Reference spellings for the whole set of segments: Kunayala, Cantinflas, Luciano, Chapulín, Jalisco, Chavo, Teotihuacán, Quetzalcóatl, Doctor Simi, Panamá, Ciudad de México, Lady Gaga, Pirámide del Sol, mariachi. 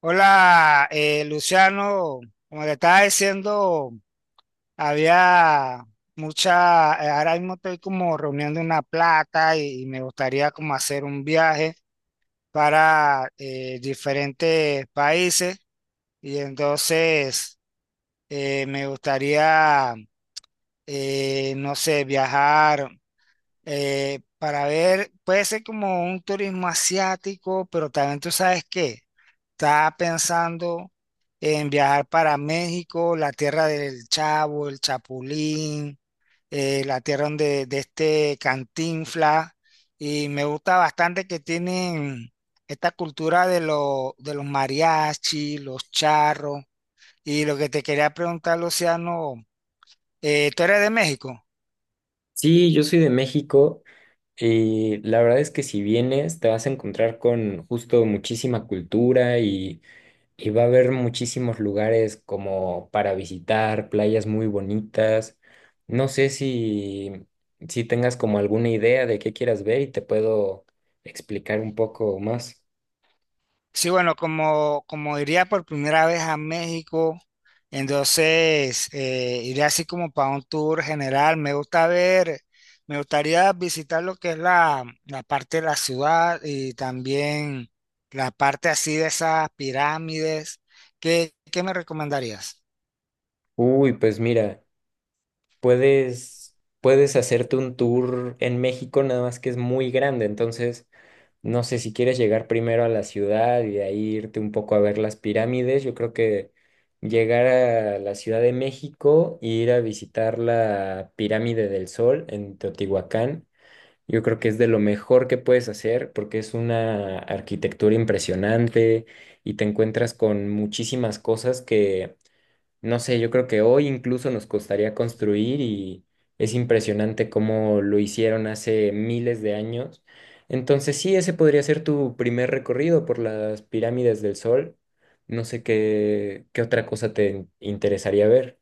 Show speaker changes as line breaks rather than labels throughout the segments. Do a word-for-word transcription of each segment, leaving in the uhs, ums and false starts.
Hola, eh, Luciano, como te estaba diciendo, había mucha, eh, ahora mismo estoy como reuniendo una plata y, y me gustaría como hacer un viaje para eh, diferentes países y entonces eh, me gustaría, eh, no sé, viajar eh, para ver, puede ser como un turismo asiático, pero también tú sabes que está pensando en viajar para México, la tierra del Chavo, el Chapulín, eh, la tierra donde, de este Cantinflas, y me gusta bastante que tienen esta cultura de, lo- de los mariachi, los charros, y lo que te quería preguntar, Luciano, eh, ¿tú eres de México?
Sí, yo soy de México y la verdad es que si vienes te vas a encontrar con justo muchísima cultura y, y va a haber muchísimos lugares como para visitar, playas muy bonitas. No sé si, si tengas como alguna idea de qué quieras ver y te puedo explicar un poco más.
Sí, bueno, como, como iría por primera vez a México, entonces eh, iría así como para un tour general. Me gusta ver, me gustaría visitar lo que es la, la parte de la ciudad y también la parte así de esas pirámides. ¿Qué, qué me recomendarías?
Uy, pues mira, puedes, puedes hacerte un tour en México, nada más que es muy grande, entonces... No sé si quieres llegar primero a la ciudad y de ahí irte un poco a ver las pirámides. Yo creo que llegar a la Ciudad de México e ir a visitar la Pirámide del Sol en Teotihuacán, yo creo que es de lo mejor que puedes hacer porque es una arquitectura impresionante y te encuentras con muchísimas cosas que no sé, yo creo que hoy incluso nos costaría construir y es impresionante cómo lo hicieron hace miles de años. Entonces sí, ese podría ser tu primer recorrido por las pirámides del Sol. No sé qué, qué otra cosa te interesaría ver.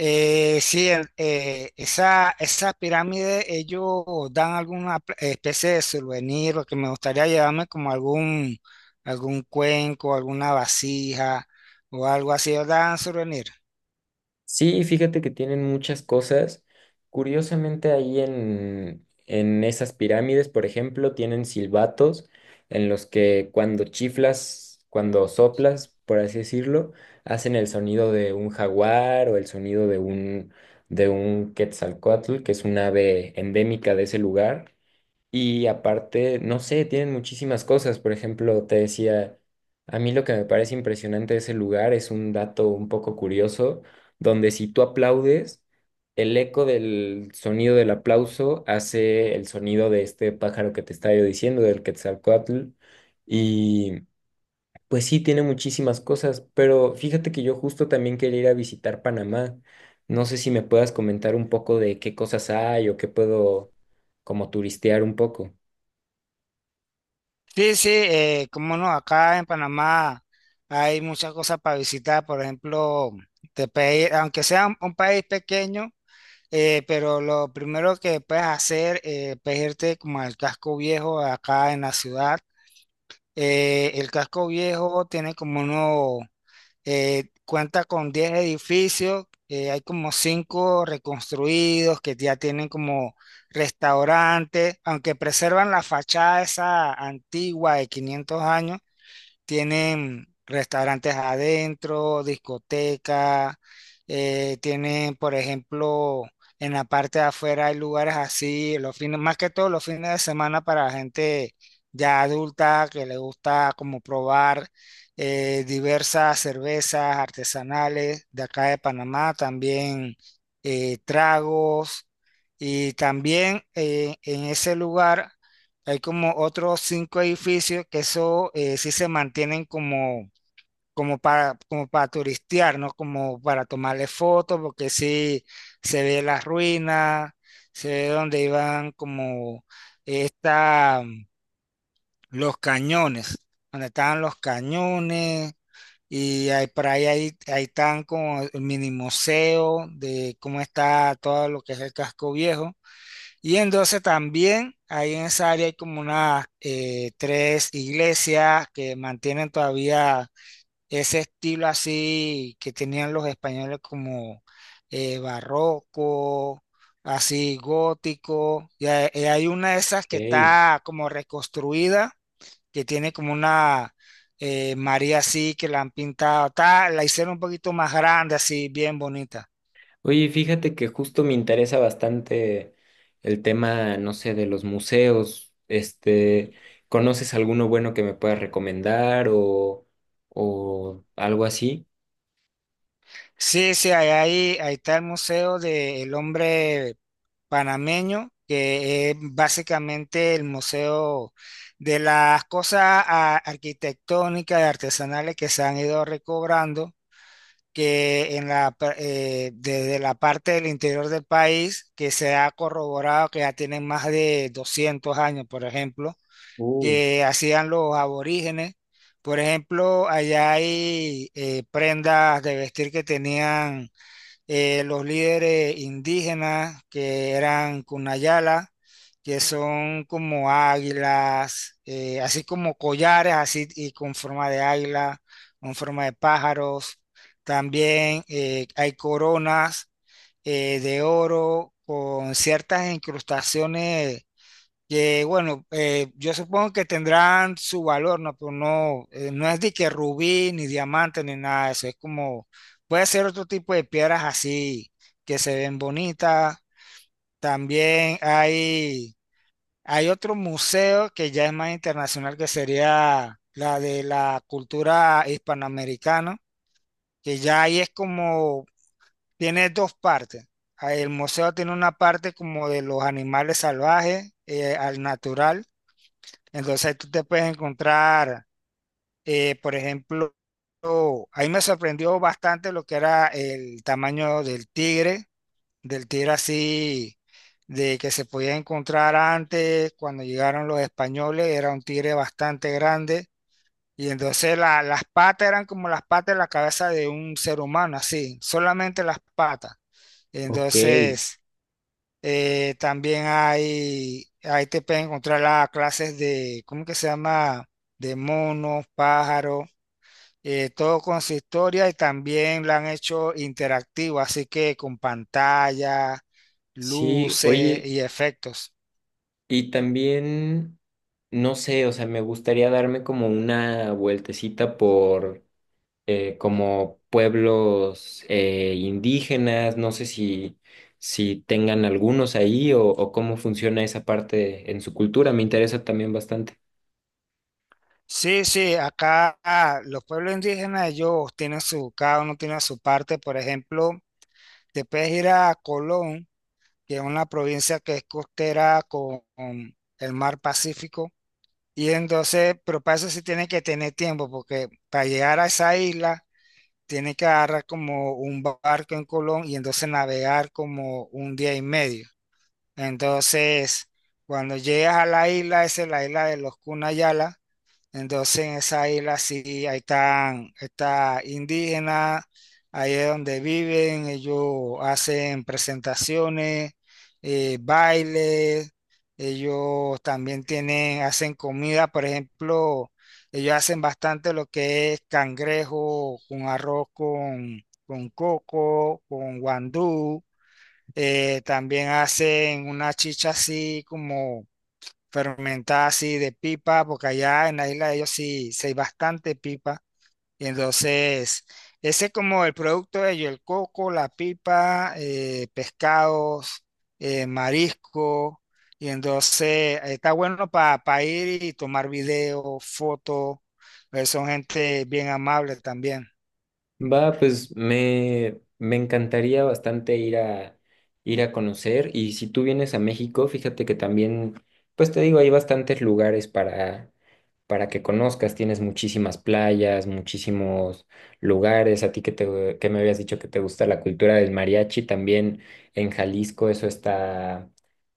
Eh, sí, el- eh, esa, esa pirámide, ellos dan alguna pl- especie de souvenir, lo que me gustaría llevarme como algún, algún cuenco, alguna vasija o algo así, ellos dan souvenir.
Sí, fíjate que tienen muchas cosas. Curiosamente, ahí en, en esas pirámides, por ejemplo, tienen silbatos en los que cuando chiflas, cuando soplas, por así decirlo, hacen el sonido de un jaguar o el sonido de un, de un quetzalcóatl, que es un ave endémica de ese lugar. Y aparte, no sé, tienen muchísimas cosas. Por ejemplo, te decía, a mí lo que me parece impresionante de ese lugar es un dato un poco curioso, donde si tú aplaudes, el eco del sonido del aplauso hace el sonido de este pájaro que te estaba yo diciendo, del Quetzalcóatl. Y pues sí, tiene muchísimas cosas, pero fíjate que yo justo también quería ir a visitar Panamá. No sé si me puedas comentar un poco de qué cosas hay o qué puedo como turistear un poco.
Sí, sí, eh, cómo no, acá en Panamá hay muchas cosas para visitar, por ejemplo, te pe- aunque sea un, un país pequeño, eh, pero lo primero que puedes hacer eh, pues, irte como al casco viejo acá en la ciudad. Eh, el casco viejo tiene como uno, eh, cuenta con diez edificios, eh, hay como cinco reconstruidos que ya tienen como restaurantes, aunque preservan la fachada esa antigua de quinientos años, tienen restaurantes adentro, discoteca, eh, tienen, por ejemplo, en la parte de afuera hay lugares así, los fines, más que todo los fines de semana para la gente ya adulta que le gusta como probar eh, diversas cervezas artesanales de acá de Panamá, también eh, tragos. Y también eh, en ese lugar hay como otros cinco edificios que eso eh, sí se mantienen como, como para, como para turistear, ¿no? Como para tomarle fotos, porque sí se ve las ruinas, se ve donde iban como esta, los cañones, donde estaban los cañones, y hay, por ahí, hay- ahí están como el mini museo de cómo está todo lo que es el casco viejo. Y entonces también ahí en esa área hay como unas eh, tres iglesias que mantienen todavía ese estilo así que tenían los españoles como eh, barroco, así gótico. Y hay, y hay una de esas que
Ey.
está como reconstruida, que tiene como una eh, María así que la han pintado, está- la hicieron un poquito más grande, así bien bonita.
Oye, fíjate que justo me interesa bastante el tema, no sé, de los museos. Este, ¿conoces alguno bueno que me puedas recomendar o, o algo así?
Sí, sí, ahí, ahí, ahí está el museo del hombre panameño, que es básicamente el museo de las cosas a- arquitectónicas y artesanales que se han ido recobrando, que en la, pa- eh, desde la parte del interior del país, que se ha corroborado que ya tienen más de doscientos años, por ejemplo,
Uh.
que hacían los aborígenes. Por ejemplo, allá hay eh, prendas de vestir que tenían eh, los líderes indígenas que eran Kunayala, que son como águilas, eh, así como collares, así y con forma de águila, con forma de pájaros. También eh, hay coronas eh, de oro con ciertas incrustaciones que bueno, eh, yo supongo que tendrán su valor, ¿no? Pero no, eh, no es de que rubí, ni diamante, ni nada de eso. Es como, puede ser otro tipo de piedras así que se ven bonitas. También hay, hay otro museo que ya es más internacional, que sería la de la cultura hispanoamericana, que ya ahí es como, tiene dos partes. Ah, el museo tiene una parte como de los animales salvajes, eh, al natural, entonces ahí tú te puedes encontrar, eh, por ejemplo, ahí me sorprendió bastante lo que era el tamaño del tigre, del tigre así, de que se podía encontrar antes, cuando llegaron los españoles, era un tigre bastante grande. Y entonces la- las patas eran como las patas de la cabeza de un ser humano, así, solamente las patas.
Ok,
Entonces… Eh, también hay, ahí te pueden encontrar las clases de, ¿cómo que se llama? De monos, pájaros, eh, todo con su historia y también la han hecho interactiva, así que con pantalla,
sí,
luces
oye,
y efectos.
y también, no sé, o sea, me gustaría darme como una vueltecita por eh, como pueblos eh, indígenas, no sé si, si tengan algunos ahí o, o cómo funciona esa parte en su cultura, me interesa también bastante.
Sí, sí, acá ah, los pueblos indígenas, ellos tienen su, cada uno tiene su parte. Por ejemplo, te puedes ir a Colón, que es una provincia que es costera con con el mar Pacífico. Y entonces, pero para eso sí tiene que tener tiempo, porque para llegar a esa isla tiene que agarrar como un barco en Colón y entonces navegar como un día y medio. Entonces, cuando llegas a la isla, esa es la isla de los Cunayala, entonces en esa isla sí, ahí están, está indígena, ahí es donde viven, ellos hacen presentaciones, eh, bailes, ellos también tienen, hacen comida, por ejemplo, ellos hacen bastante lo que es cangrejo con arroz con, con coco, con guandú, eh, también hacen una chicha así como fermentada así de pipa, porque allá en la isla de ellos sí, sí hay bastante pipa. Y entonces, ese es como el producto de ellos, el coco, la pipa, eh, pescados, eh, marisco. Y entonces está bueno para ir y tomar video, fotos. eh, Son gente bien amable también.
Va, pues me, me encantaría bastante ir a, ir a conocer y si tú vienes a México, fíjate que también, pues te digo, hay bastantes lugares para, para que conozcas, tienes muchísimas playas, muchísimos lugares, a ti que, te, que me habías dicho que te gusta la cultura del mariachi, también en Jalisco eso está,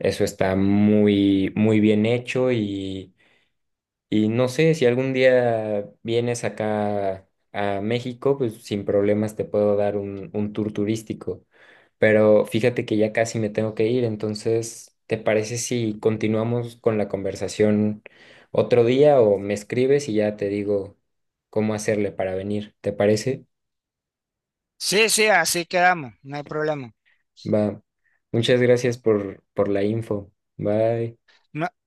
eso está muy, muy bien hecho y y no sé, si algún día vienes acá a México, pues sin problemas te puedo dar un, un tour turístico. Pero fíjate que ya casi me tengo que ir, entonces, ¿te parece si continuamos con la conversación otro día o me escribes y ya te digo cómo hacerle para venir? ¿Te parece?
Sí, sí, así quedamos, no hay problema.
Va. Muchas gracias por, por la info. Bye.
No.